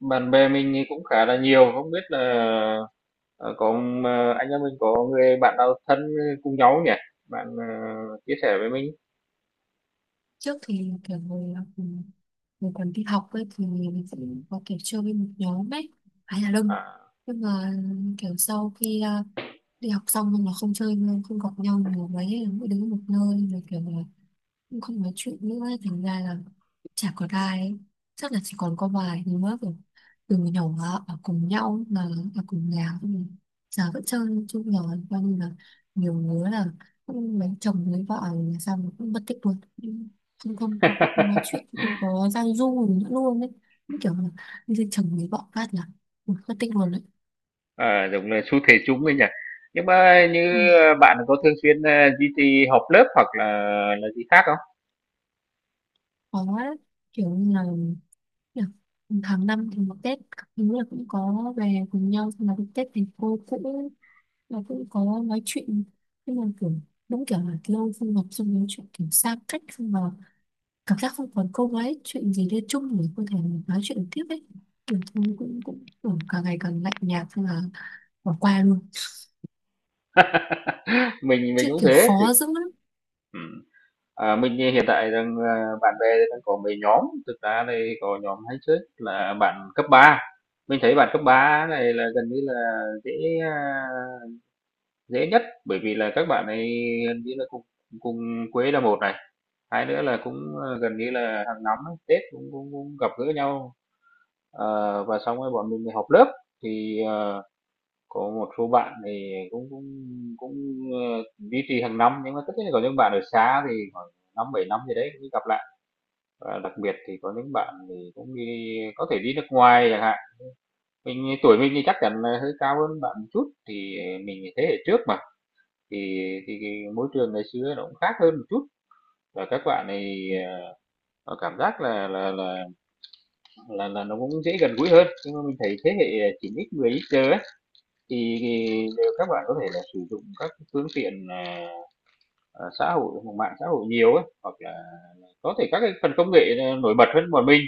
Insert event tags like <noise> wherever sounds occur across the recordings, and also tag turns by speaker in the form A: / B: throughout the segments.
A: Bạn bè mình thì cũng khá là nhiều, không biết là, ờ, có, anh em mình có người bạn nào thân cùng nhau nhỉ? Bạn, chia sẻ với mình.
B: Trước thì kiểu hồi còn đi học ấy thì mình sẽ có kiểu chơi với một nhóm ấy phải là đông,
A: À.
B: nhưng mà kiểu sau khi đi học xong nhưng mà không chơi nữa, không gặp nhau nhiều mấy ấy, mỗi đứa một nơi rồi kiểu là cũng không nói chuyện nữa ấy, thành ra là chả có ai ấy. Chắc là chỉ còn có vài đứa rồi từ nhỏ ở cùng nhau mà ở cùng nhà cũng giờ vẫn chơi chung nhỏ, coi như là nhiều đứa là cũng lấy chồng lấy vợ là sao mà cũng mất tích luôn, không không có nói
A: <laughs>
B: chuyện không có giao du gì nữa luôn đấy. Như kiểu là lấy chồng lấy vợ phát là mất tích luôn đấy.
A: À, đúng là xu thế chung ấy nhỉ. Nhưng mà như,
B: Ừ,
A: bạn có thường xuyên, duy trì họp lớp hoặc là gì khác không?
B: khó đấy, kiểu như là được. Tháng năm thì một Tết các thứ là cũng có về cùng nhau xong là đến Tết thì cô cũng là cũng có nói chuyện, nhưng mà kiểu đúng kiểu là lâu không gặp xong nói chuyện kiểu xa cách xong mà cảm giác không còn cô ấy chuyện gì liên chung để có thể nói chuyện tiếp ấy, kiểu thôi cũng cũng kiểu càng ngày càng lạnh nhạt xong là bỏ qua luôn,
A: <laughs> Mình
B: chứ
A: cũng
B: kiểu
A: thế, thì
B: khó dữ lắm.
A: ừm, à, mình hiện tại rằng, bạn bè đang có mấy nhóm, thực ra đây có nhóm hay chơi là bạn cấp ba. Mình thấy bạn cấp 3 này là gần như là dễ, ờ, dễ nhất, bởi vì là các bạn này gần như là cùng cùng quê là một này, hai nữa là cũng, gần như là hàng năm Tết cũng cũng cũng gặp gỡ nhau, và xong rồi bọn mình lại họp lớp. Thì, có một số bạn thì cũng cũng cũng, duy trì hàng năm, nhưng mà tất nhiên là có những bạn ở xa thì khoảng năm bảy năm gì đấy mới gặp lại. Và đặc biệt thì có những bạn thì cũng đi, có thể đi nước ngoài chẳng hạn, mình tuổi mình thì chắc chắn là hơi cao hơn bạn một chút, thì mình thế hệ trước mà. thì thì cái môi trường ngày xưa nó cũng khác hơn một chút và các bạn này, cảm giác là nó cũng dễ gần gũi hơn, nhưng mà mình thấy thế hệ 9x 10x giờ ấy, thì đều các bạn có thể là sử dụng các phương tiện xã hội, mạng xã hội nhiều ấy, hoặc là có thể các cái phần công nghệ nổi bật hơn bọn mình.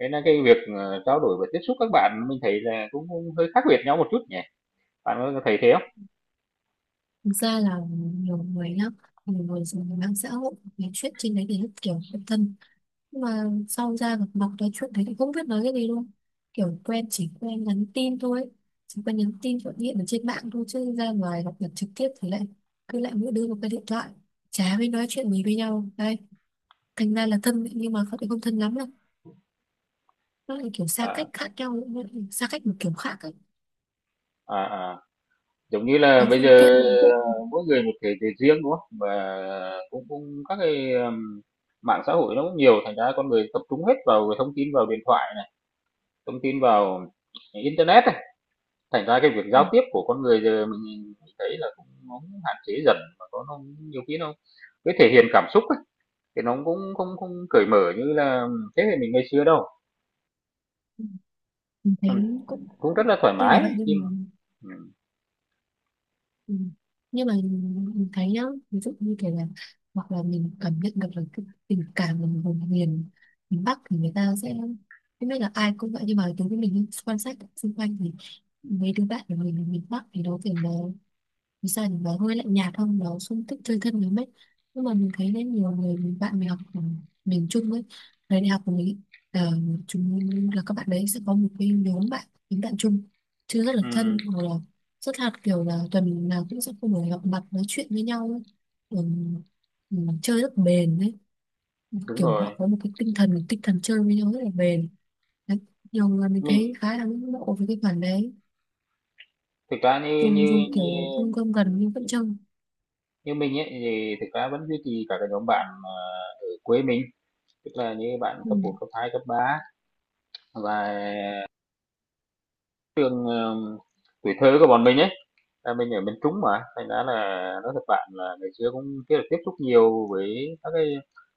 A: Thế là cái việc trao đổi và tiếp xúc các bạn mình thấy là cũng hơi khác biệt nhau một chút nhỉ, bạn có thấy thế không?
B: Thực ra là nhiều người nhá, nhiều người dùng mạng xã hội nói chuyện trên đấy thì rất kiểu quen thân. Nhưng mà sau ra gặp mặt nói chuyện thấy thì không biết nói cái gì luôn. Kiểu quen chỉ quen nhắn tin thôi. Chỉ quen nhắn tin gọi điện ở trên mạng thôi chứ ra ngoài gặp mặt trực tiếp thì lại cứ lại mỗi đứa một cái điện thoại. Chả biết nói chuyện gì với nhau. Đây, thành ra là thân ấy, nhưng mà không không thân lắm đâu. Nó lại kiểu xa cách
A: à,
B: khác nhau, nó lại xa cách một kiểu khác ấy.
A: à, à. Giống như là
B: Có
A: bây
B: phương
A: giờ
B: tiện.
A: mỗi người một thể chế riêng đúng không, và cũng cũng các cái mạng xã hội nó cũng nhiều, thành ra con người tập trung hết vào thông tin, vào điện thoại này, thông tin vào internet này, thành ra cái việc
B: Ừ.
A: giao tiếp của con người giờ mình thấy là cũng, nó cũng hạn chế dần mà có nó nhiều khi nó, cái thể hiện cảm xúc ấy, thì nó cũng không không cởi mở như là thế hệ mình ngày xưa đâu.
B: Ừ, mình
A: Ừ,
B: thấy cũng
A: cũng rất là thoải
B: tuy là
A: mái
B: vậy
A: khi
B: nhưng mà.
A: mà ừ,
B: Ừ. Nhưng mà mình thấy nhá, ví dụ như kiểu là hoặc là mình cảm nhận được là cái tình cảm của vùng miền, miền Bắc thì người ta sẽ không biết là ai cũng vậy, nhưng mà đối với mình ấy, quan sát xung quanh thì mấy đứa bạn của mình ở miền Bắc thì nó kiểu là vì sao thì nó hơi lạnh nhạt không, nó không thích chơi thân lắm ấy, nhưng mà mình thấy đấy nhiều người mình bạn mình học ở miền Trung ấy, thời đại học của mình, ờ, chúng là các bạn đấy sẽ có một cái nhóm bạn những bạn chung chứ rất là
A: ừ,
B: thân, hoặc là rất là kiểu là tuần nào cũng sẽ không phải gặp mặt nói chuyện với nhau ấy. Ừ, ừ, chơi rất bền đấy,
A: đúng
B: kiểu
A: rồi.
B: họ có một cái tinh thần chơi với nhau rất là bền đấy. Nhiều người mình
A: Mình
B: thấy khá là ngưỡng mộ với cái khoản đấy,
A: thực ra như
B: dùng
A: như,
B: dùng kiểu không gom
A: như
B: gần nhưng vẫn trông.
A: như mình ấy, thì thực ra vẫn duy trì cả cái nhóm bạn, ở quê mình, tức là như bạn
B: Ừ.
A: cấp một, cấp hai, cấp 3 và trường, tuổi thơ của bọn mình ấy, là mình ở miền Trung mà, thành ra là nói thật bạn là ngày xưa cũng chưa được tiếp xúc nhiều với các cái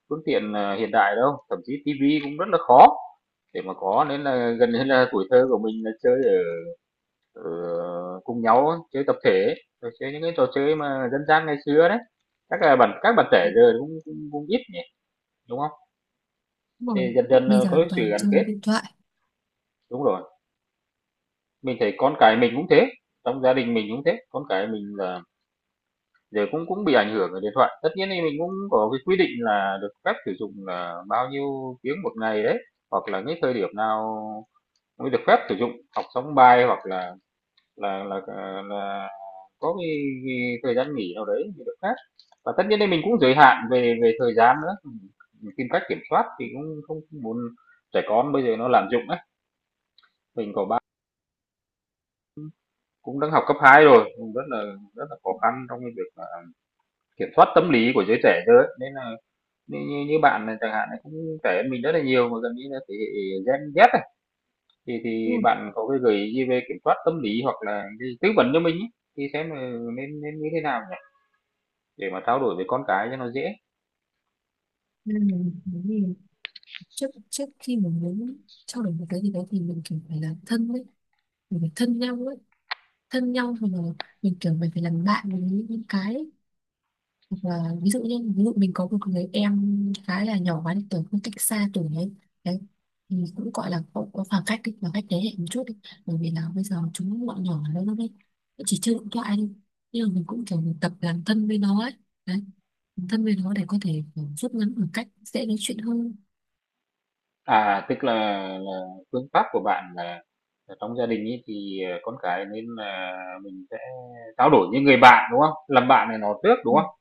A: phương tiện, hiện đại đâu, thậm chí tivi cũng rất là khó để mà có, nên là gần như là tuổi thơ của mình là chơi ở ở cùng nhau á, chơi tập thể ấy, rồi chơi những cái trò chơi mà dân gian ngày xưa đấy. Chắc là bạn các bạn trẻ giờ cũng cũng cũng ít nhỉ, đúng không?
B: Đúng
A: Thì
B: rồi.
A: dần dần,
B: Bây
A: có
B: giờ
A: cái sự
B: toàn
A: gắn
B: chơi
A: kết,
B: điện thoại
A: đúng rồi. Mình thấy con cái mình cũng thế, trong gia đình mình cũng thế, con cái mình là giờ cũng cũng bị ảnh hưởng bởi điện thoại. Tất nhiên thì mình cũng có cái quy định là được phép sử dụng là bao nhiêu tiếng một ngày đấy, hoặc là cái thời điểm nào mới được phép sử dụng, học xong bài hoặc là là có cái thời gian nghỉ nào đấy thì được phép. Và tất nhiên thì mình cũng giới hạn về về thời gian nữa, mình tìm cách kiểm soát thì cũng không muốn trẻ con bây giờ nó lạm dụng ấy. Mình có, cũng đang học cấp 2 rồi, cũng rất là khó khăn trong cái việc, kiểm soát tâm lý của giới trẻ giờ. Nên là như như như bạn này chẳng hạn là cũng trẻ hơn mình rất là nhiều, mà gần như là thế hệ Gen Z này,
B: đúng
A: thì
B: không?
A: bạn có cái gợi ý gì về kiểm soát tâm lý hoặc là cái tư vấn cho mình ấy, thì xem là nên nên như thế nào nhỉ? Để mà trao đổi với con cái cho nó dễ.
B: Nên là mình muốn gì trước trước khi mình muốn trao đổi một cái gì đấy thì mình kiểu phải là thân đấy, mình phải thân nhau ấy, thân nhau rồi là mình kiểu mình phải làm bạn với những cái. Và ví dụ như ví dụ mình có một người em khá là nhỏ quá đi, tuổi cũng cách xa tuổi ấy đấy, thì cũng gọi là có khoảng cách đi, khoảng cách thế hệ một chút đi, bởi vì là bây giờ chúng bọn nhỏ lớn lắm ấy, nó chỉ chơi điện thoại đi, nhưng mà mình cũng kiểu mình tập làm thân với nó ấy đấy, làm thân với nó để có thể kiểu rút ngắn khoảng cách dễ nói chuyện hơn.
A: À, tức là phương pháp của bạn là trong gia đình ấy thì, con cái nên là mình sẽ trao đổi với người bạn, đúng không? Làm bạn này nó trước, đúng
B: Ừ.
A: không?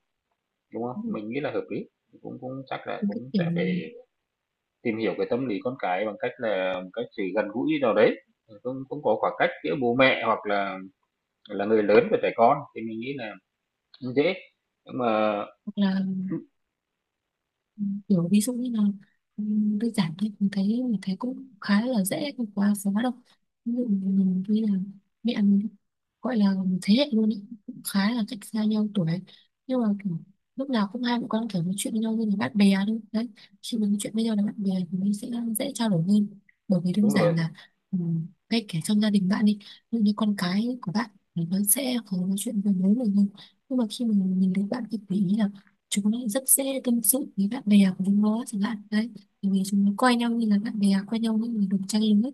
A: Đúng không?
B: Đúng rồi.
A: Mình nghĩ là hợp lý, cũng cũng chắc là
B: Những cái
A: cũng
B: kiểu
A: sẽ phải tìm hiểu cái tâm lý con cái bằng cách là một cách sự gần gũi nào đấy, cũng cũng có khoảng cách giữa bố mẹ hoặc là người lớn với trẻ con thì mình nghĩ là cũng dễ. Nhưng mà
B: hoặc là Ừ, kiểu ví dụ như là ừ, đơn giản thôi, mình thấy cũng khá là dễ không quá khó đâu, ví dụ mình như là mẹ mình gọi là thế hệ luôn ý, cũng khá là cách xa nhau tuổi, nhưng mà kiểu, lúc nào cũng hai mẹ con kiểu nói chuyện với nhau như là bạn bè thôi đấy, khi mình nói chuyện với nhau là bạn bè thì mình sẽ dễ trao đổi hơn, bởi vì đơn
A: đúng rồi,
B: giản là ừ, ngay cả trong gia đình bạn đi, ví dụ như con cái của bạn thì nó sẽ khó nói chuyện với bố mình hơn, nhưng mà khi mình nhìn thấy bạn thì để ý là chúng nó rất dễ tâm sự với bạn bè của chúng nó chẳng hạn đấy, bởi vì chúng nó coi nhau như là bạn bè, coi nhau như là đồng trang lứa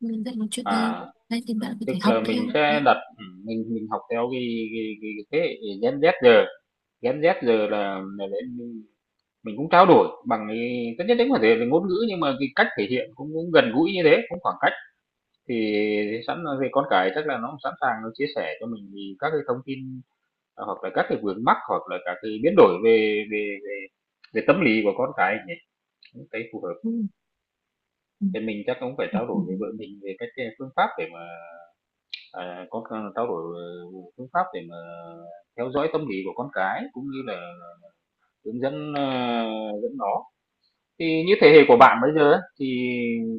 B: nên dễ nói chuyện hơn,
A: à,
B: đấy thì bạn có
A: tức
B: thể
A: là
B: học
A: mình
B: theo
A: sẽ
B: đấy.
A: đặt mình học theo cái cái thế hệ Gen Z giờ, Gen Z giờ là để mình cũng trao đổi bằng cái tất nhiên đấy có thể là ngôn ngữ, nhưng mà cái cách thể hiện cũng cũng gần gũi như thế, cũng khoảng cách. Thì sẵn về con cái chắc là nó cũng sẵn sàng nó chia sẻ cho mình thì các cái thông tin, hoặc là các cái vướng mắc, hoặc là các cái biến đổi về về tâm lý của con cái nhỉ, cũng thấy phù hợp.
B: Ừ. Ừ.
A: Thì mình chắc cũng phải
B: Ừ.
A: trao
B: Ừ.
A: đổi với vợ mình về các cái phương pháp để mà, à, có c trao đổi, phương pháp để mà theo dõi tâm lý của con cái, cũng như là hướng dẫn, dẫn nó. Thì như thế hệ của bạn bây giờ á, thì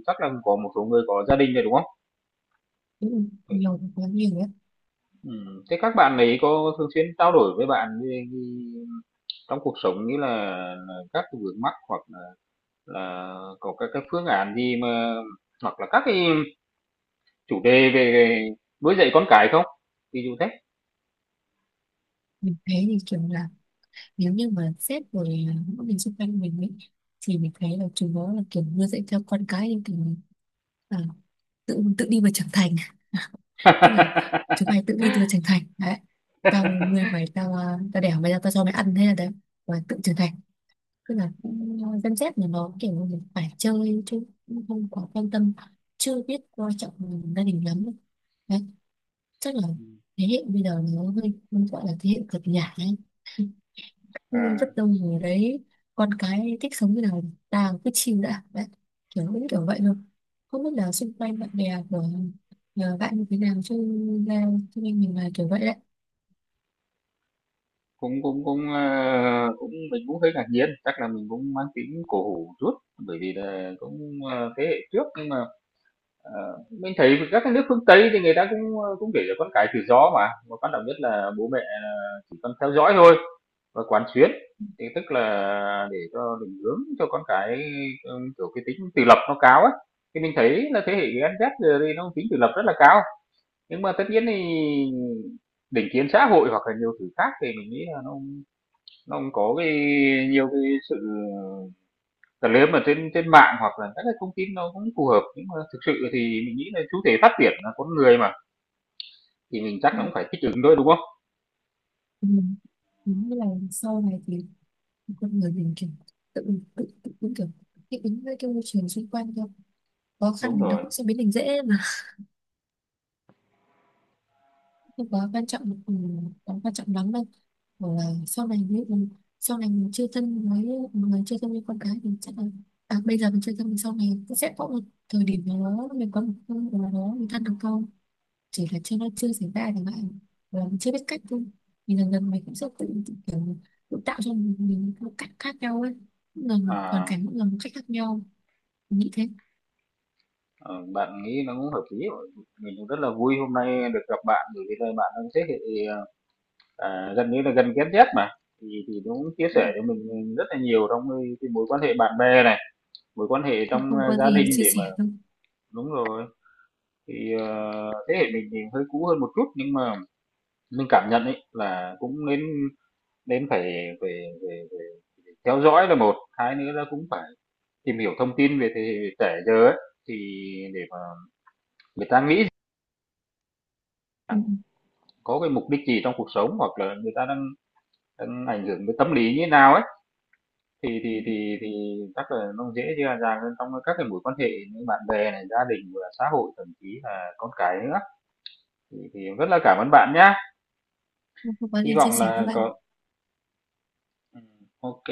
A: chắc là có một số người có gia đình rồi, đúng không?
B: Đúng, nhiều quá nhiều ấy.
A: Thế các bạn ấy có thường xuyên trao đổi với bạn về cái trong cuộc sống, như là các cái vướng mắc, hoặc là có các cái phương án gì mà, hoặc là các cái chủ đề về nuôi dạy con cái không? Ví dụ thế.
B: Mình thấy thì kiểu là nếu như mà sếp rồi những người xung quanh mình ấy, thì mình thấy là chúng nó là kiểu nuôi dạy theo con cái nhưng kiểu à, tự tự đi mà trưởng thành, tức là chúng mày tự đi tự trưởng thành đấy, tao nuôi mày, tao đẻ mày ra tao cho mày ăn thế là đấy và tự trưởng thành, tức là Gen Z là nó kiểu như là phải chơi chứ cũng không quá quan tâm, chưa biết coi trọng gia đình lắm đấy, chắc là thế hệ bây giờ nó hơi gọi là thế hệ cực nhả ấy. Ừ,
A: À,
B: rất đông người đấy, con cái thích sống như nào tàng cứ chill đã bạn, kiểu cũng kiểu vậy thôi, không biết là xung quanh bạn bè của nhờ bạn như thế nào chứ ra, cho nên mình là kiểu vậy đấy.
A: cũng cũng cũng, cũng mình cũng hơi ngạc nhiên, chắc là mình cũng mang tính cổ hủ chút, bởi vì là cũng, thế hệ trước, nhưng mà, ờ, mình thấy các cái nước phương Tây thì người ta cũng, cũng để cho con cái tự do mà quan trọng nhất là bố mẹ là chỉ cần theo dõi thôi. Và quán xuyến, thì tức là để cho định hướng cho con cái, ừ, kiểu cái tính tự lập nó cao ấy. Thì mình thấy là thế hệ Gen Z giờ đây nó tính tự lập rất là cao, nhưng mà tất nhiên thì định kiến xã hội hoặc là nhiều thứ khác thì mình nghĩ là nó cũng có cái nhiều cái sự cần, nếu mà trên trên mạng hoặc là các cái thông tin nó cũng phù hợp, nhưng mà thực sự thì mình nghĩ là chủ thể phát triển là con người mà, thì mình chắc
B: Ừ.
A: nó cũng phải thích ứng thôi, đúng không?
B: Ừ, đúng là sau này thì con người mình kiểu tự tự tự cũng kiểu thích ứng với cái môi trường xung quanh thôi, khó khăn
A: Đúng
B: thì nó
A: rồi,
B: cũng sẽ biến thành dễ, không quá quan trọng quá quan trọng lắm đâu, hoặc là sau này nếu mình sau này mình chưa thân với người, chưa thân với con cái thì chắc là à, bây giờ mình chưa thân thì sau này cũng sẽ có một thời điểm nào đó mình có một con nào đó mình thân được không, chỉ là chưa nó chưa xảy ra chẳng hạn, hoặc là mình chưa biết cách thôi, thì dần dần mình cũng sẽ tự kiểu tự tạo cho mình một cách khác nhau ấy, mỗi lần một hoàn
A: à.
B: cảnh mỗi lần một cách khác nhau, mình nghĩ thế.
A: Ờ, bạn nghĩ nó cũng hợp lý rồi. Mình cũng rất là vui hôm nay được gặp bạn, bởi vì là bạn đang thế hệ, à, gần như là gần Gen Z mà. Thì nó cũng chia sẻ cho mình rất là nhiều trong cái mối quan hệ bạn bè này, mối quan hệ
B: Ừ,
A: trong
B: không
A: à,
B: có
A: gia
B: gì
A: đình
B: chia
A: để
B: sẻ
A: mà
B: thôi.
A: đúng rồi. Thì thế hệ mình thì hơi cũ hơn một chút, nhưng mà mình cảm nhận ấy là cũng nên nên phải phải, phải, phải, phải theo dõi là một, hai nữa là cũng phải tìm hiểu thông tin về thế hệ trẻ giờ ấy, thì để mà người ta nghĩ
B: Ừ,
A: có cái mục đích gì trong cuộc sống, hoặc là người ta đang đang ảnh hưởng với tâm lý như thế nào ấy, thì
B: ừ,
A: thì chắc là nó dễ dàng dàng hơn trong các cái mối quan hệ như bạn bè này, gia đình và xã hội, thậm chí là con cái nữa, thì rất là cảm ơn bạn nhá.
B: ừ, không có
A: Hy
B: gì chia
A: vọng
B: sẻ với
A: là
B: bạn.
A: có ừ, ok.